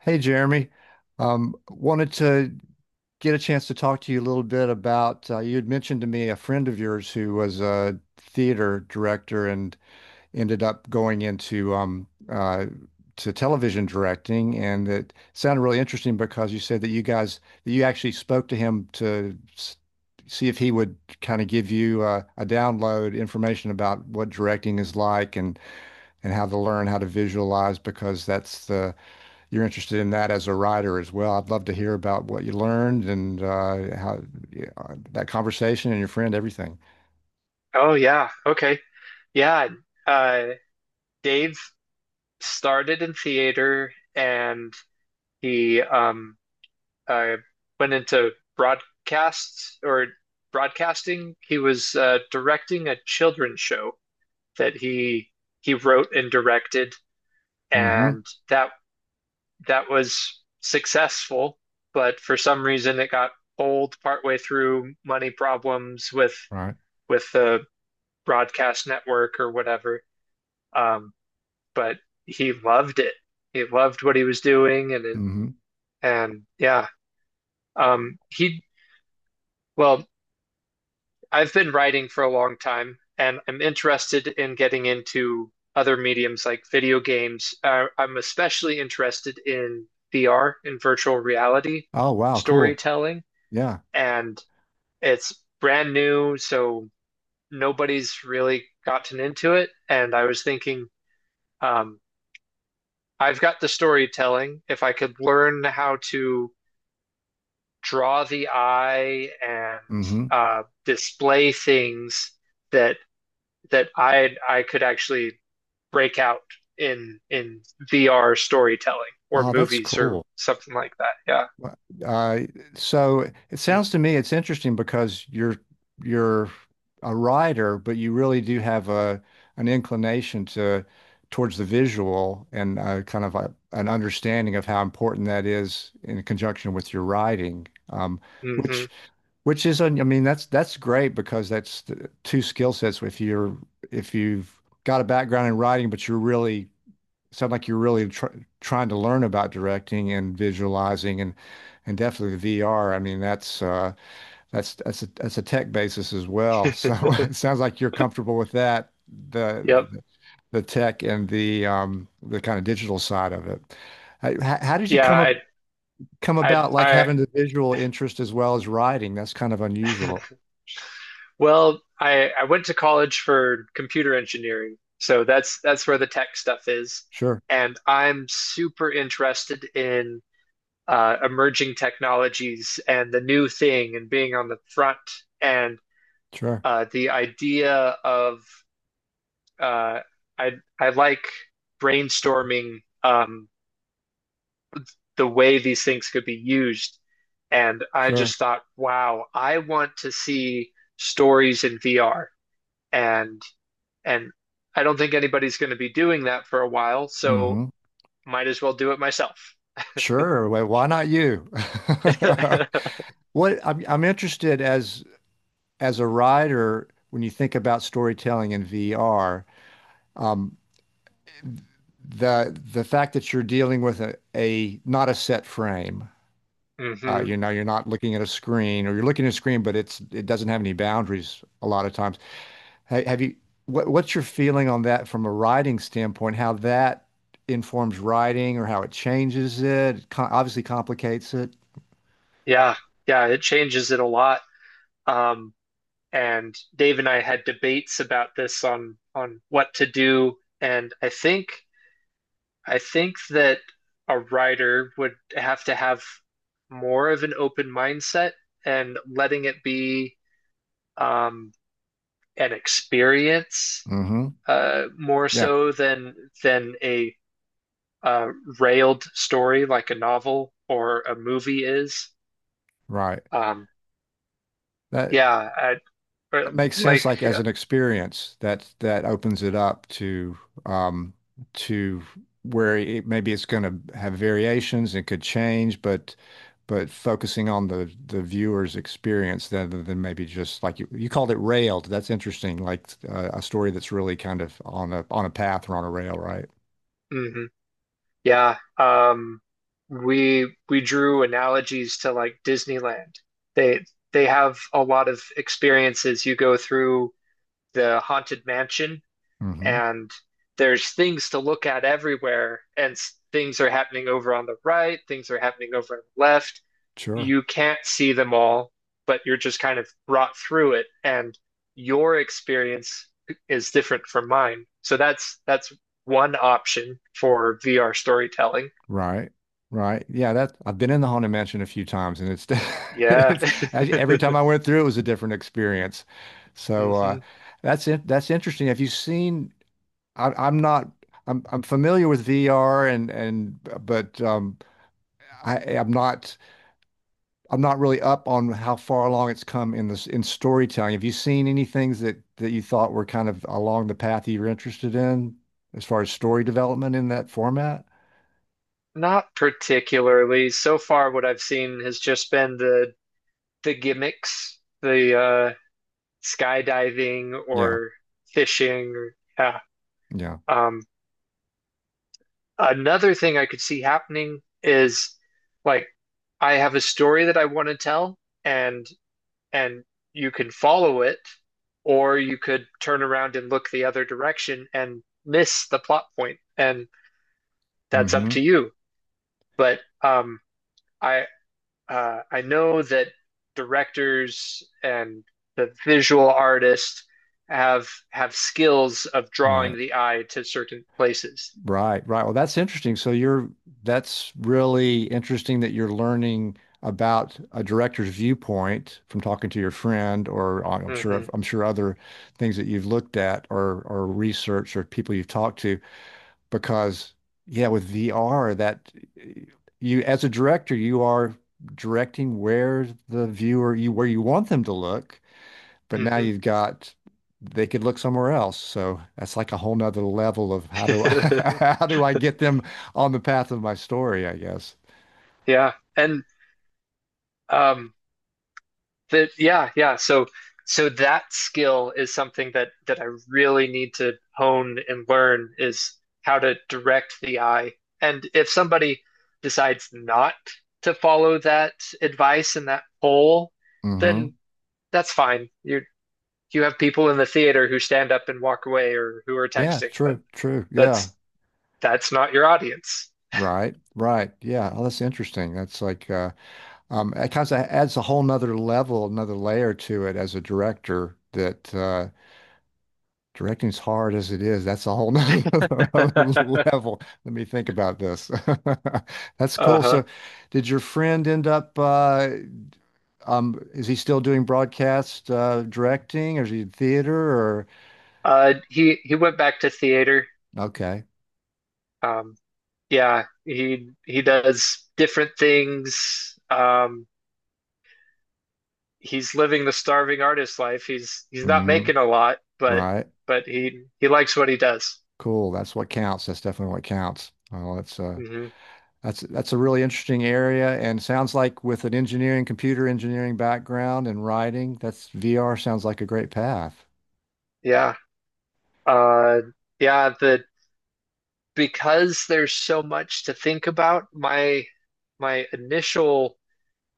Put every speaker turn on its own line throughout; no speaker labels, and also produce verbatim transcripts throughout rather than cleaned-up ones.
Hey Jeremy, um, wanted to get a chance to talk to you a little bit about uh, you had mentioned to me a friend of yours who was a theater director and ended up going into um, uh, to television directing, and it sounded really interesting because you said that you guys that you actually spoke to him to s- see if he would kind of give you uh, a download information about what directing is like and and how to learn how to visualize because that's the you're interested in that as a writer as well. I'd love to hear about what you learned and uh, how yeah, uh, that conversation and your friend, everything.
Oh yeah. Okay. Yeah. Uh Dave started in theater and he um uh went into broadcasts or broadcasting. He was uh directing a children's show that he he wrote and directed
Mm-hmm.
and that that was successful, but for some reason it got old partway through, money problems with
Right.
with the broadcast network or whatever. Um but he loved it. He loved what he was doing, and it,
Mm-hmm.
and yeah, um, he, well, I've been writing for a long time, and I'm interested in getting into other mediums like video games. Uh, I'm especially interested in V R, in virtual reality
Oh, wow. Cool.
storytelling,
Yeah.
and it's brand new, so nobody's really gotten into it. And I was thinking, um, I've got the storytelling. If I could learn how to draw the eye and
Mm-hmm.
uh, display things that that I I could actually break out in in V R storytelling or
Oh, that's
movies or
cool.
something like that. Yeah.
Well, Uh, so it sounds to me it's interesting because you're you're a writer, but you really do have a an inclination to towards the visual and uh, kind of a, an understanding of how important that is in conjunction with your writing. Um,
Hmm.
which which is un- I mean that's that's great because that's the two skill sets if you're if you've got a background in writing, but you're really sound like you're really tr trying to learn about directing and visualizing and and definitely the V R. I mean, that's uh that's that's a that's a tech basis as well. So it sounds like you're comfortable with that, the
Yep.
the tech and the um the kind of digital side of it. Uh, How, how did you
Yeah.
come ab-
I
come about like
I
having the visual interest as well as writing? That's kind of
I
unusual.
well I I went to college for computer engineering, so that's that's where the tech stuff is,
Sure,
and I'm super interested in uh, emerging technologies and the new thing and being on the front. And
sure,
uh, the idea of uh, I I like brainstorming um, the way these things could be used. And I
sure.
just thought, wow, I want to see stories in V R. And and I don't think anybody's going to be doing that for a while, so
Hmm.
might as well do it myself.
Sure. Well, why not you? What I'm I'm interested as as a writer, when you think about storytelling in V R, um, the the fact that you're dealing with a, a not a set frame, uh,
Hmm.
you know, you're not looking at a screen, or you're looking at a screen, but it's it doesn't have any boundaries a lot of times. Ha- Have you what what's your feeling on that from a writing standpoint? How that informs writing, or how it changes it? It co- obviously complicates it.
Yeah, yeah, it changes it a lot. Um, and Dave and I had debates about this on on what to do. And I think I think that a writer would have to have more of an open mindset and letting it be um, an experience,
Hmm.
uh, more
Yeah,
so than than a uh, railed story like a novel or a movie is.
right.
Um,
That
yeah, I, or
That makes sense,
like.
like as an experience that that opens it up to um to where it maybe it's going to have variations and could change, but but focusing on the the viewer's experience rather than maybe just like you, you called it railed. That's interesting, like uh, a story that's really kind of on a on a path or on a rail, right?
Mhm. Yeah, um, we we drew analogies to like Disneyland. They they have a lot of experiences. You go through the Haunted Mansion,
Mm-hmm.
and there's things to look at everywhere, and s- things are happening over on the right, things are happening over on the left.
Sure.
You can't see them all, but you're just kind of brought through it, and your experience is different from mine. So that's that's one option for V R storytelling.
Right. Right. Yeah, that I've been in the Haunted Mansion a few times and it's
Yeah.
it's actually every time I went through it was a different experience. So uh
Hmm.
that's it that's interesting. Have you seen I I'm not I'm I'm familiar with V R and and but um I I'm not I'm not really up on how far along it's come in this in storytelling. Have you seen any things that that you thought were kind of along the path you were interested in as far as story development in that format?
Not particularly. So far, what I've seen has just been the the gimmicks, the uh, skydiving
Yeah.
or fishing. Or, yeah.
Yeah.
Um, Another thing I could see happening is, like, I have a story that I want to tell, and and you can follow it, or you could turn around and look the other direction and miss the plot point, and that's up
Hmm.
to you. But um, I uh, I know that directors and the visual artists have have skills of drawing
Right.
the eye to certain places.
Right, right. Well, that's interesting. So you're that's really interesting that you're learning about a director's viewpoint from talking to your friend, or uh, I'm sure
Hmm.
I'm sure other things that you've looked at or or researched or people you've talked to. Because yeah, with V R, that eh, you as a director, you are directing where the viewer you where you want them to look, but now
Hmm.
you've got they could look somewhere else. So that's like a whole nother level of how do I, how do I get them on the path of my story, I guess.
Yeah, and um, that yeah, yeah. So so that skill is something that that I really need to hone and learn is how to direct the eye. And if somebody decides not to follow that advice and that poll,
Hmm.
then that's fine. You you have people in the theater who stand up and walk away or who are
Yeah,
texting, but
true, true. Yeah.
that's that's not your audience.
Right, right. Yeah. Oh, that's interesting. That's like uh um it kind of adds a whole nother level, another layer to it as a director that uh directing's hard as it is. That's a whole nother level. Let me think about this. That's cool.
Uh-huh.
So did your friend end up uh Um, is he still doing broadcast uh, directing, or is he in theater? Or
Uh, he he went back to theater.
okay,
Um, yeah, he he does different things. Um, he's living the starving artist life. He's he's not
hmm
making a lot, but
right,
but he he likes what he does.
cool. That's what counts. That's definitely what counts. Oh, that's uh,
Hmm.
that's that's a really interesting area, and sounds like with an engineering, computer engineering background and writing, that's V R sounds like a great path.
Yeah. Uh, yeah. The, because there's so much to think about, my my initial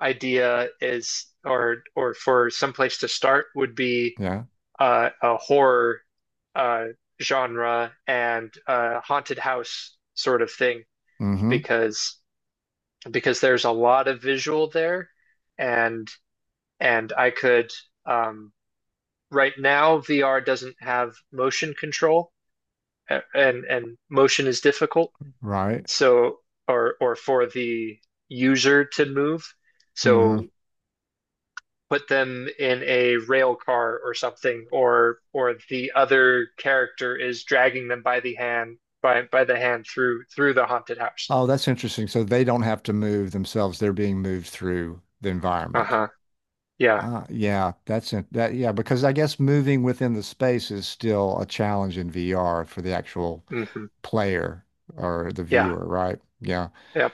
idea is, or or for some place to start would be,
Yeah.
uh, a horror uh, genre and a haunted house sort of thing
Hmm.
because because there's a lot of visual there and and I could, um, right now V R doesn't have motion control, uh, and and motion is difficult.
Right.
So, or or for the user to move.
Hmm.
So put them in a rail car or something, or or the other character is dragging them by the hand, by by the hand, through through the haunted house.
Oh, that's interesting. So they don't have to move themselves; they're being moved through the environment.
Uh-huh. Yeah.
Uh, yeah, that's it. That, yeah, because I guess moving within the space is still a challenge in V R for the actual
Hmm.
player or the
Yeah.
viewer, right? Yeah.
Yep.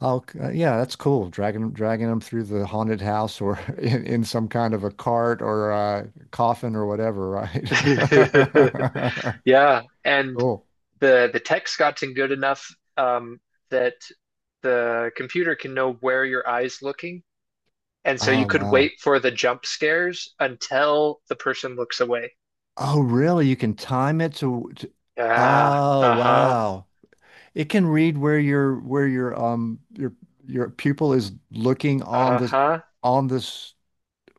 Oh, c- uh, yeah, that's cool. Dragging dragging them through the haunted house or in, in some kind of a cart or a coffin or whatever, right?
Yeah. And
Cool.
the the text gotten good enough, um, that the computer can know where your eye's looking. And so you
Oh,
could
wow.
wait for the jump scares until the person looks away.
Oh, really? You can time it to, to,
Ah,
oh,
uh-huh,
wow. It can read where your where your um your your pupil is looking on this
uh-huh.
on this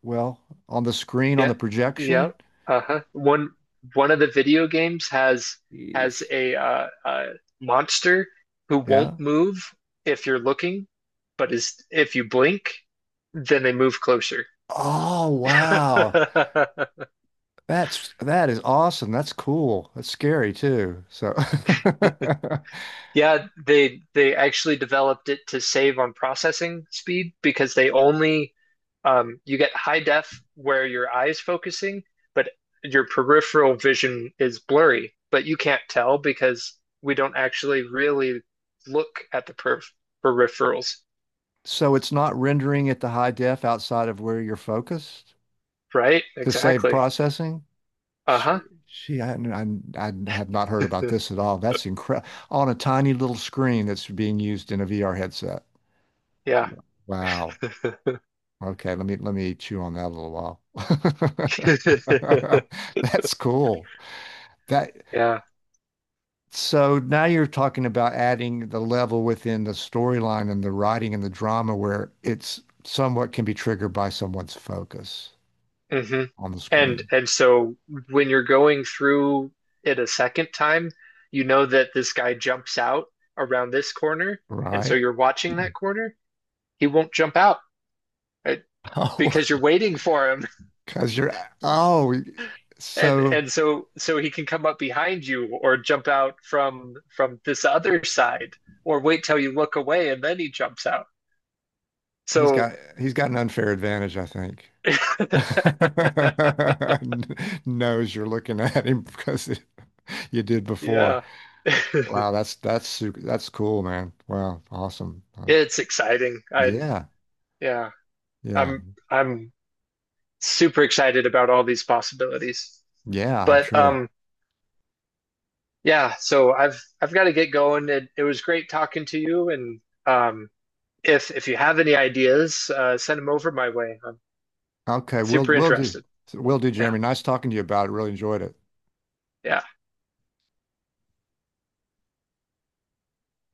well on the screen on
Yeah,
the
yeah,
projection.
uh-huh. One one of the video games has has
Jeez.
a uh, uh monster who won't
Yeah.
move if you're looking, but is, if you blink, then they move closer.
Oh wow. That's that is awesome. That's cool. That's scary too. So
Yeah, they they actually developed it to save on processing speed because they only, um, you get high def where your eye is focusing, but your peripheral vision is blurry, but you can't tell because we don't actually really look at the per peripherals,
so it's not rendering at the high def outside of where you're focused
right?
to save
Exactly.
processing.
Uh-huh.
She, she, I, I, I have not heard about this at all. That's incredible. On a tiny little screen that's being used in a V R headset.
Yeah.
Wow. Okay, let me let me chew on that a little while. That's cool. That
Yeah.
So now you're talking about adding the level within the storyline and the writing and the drama where it's somewhat can be triggered by someone's focus
Hmm.
on the
And
screen,
and so when you're going through it a second time, you know that this guy jumps out around this corner, and so
right?
you're watching that corner. He won't jump out, uh,
Oh,
because you're waiting for him,
because you're oh,
and
so
and so so he can come up behind you or jump out from from this other side, or wait till you look away and then he jumps out.
he's
So
got he's got an unfair advantage, I think. Knows you're looking at him because you did before.
yeah,
Wow, that's that's su- that's cool, man. Wow, awesome. Uh,
it's exciting. I
yeah,
Yeah,
yeah,
I'm. I'm super excited about all these possibilities.
yeah. I'm
But
sure.
um, yeah, so I've I've got to get going. It, it was great talking to you, and um, if if you have any ideas, uh, send them over my way. I'm
Okay, we'll
super
we'll do
interested.
we'll do,
Yeah,
Jeremy. Nice talking to you about it. Really enjoyed it.
yeah.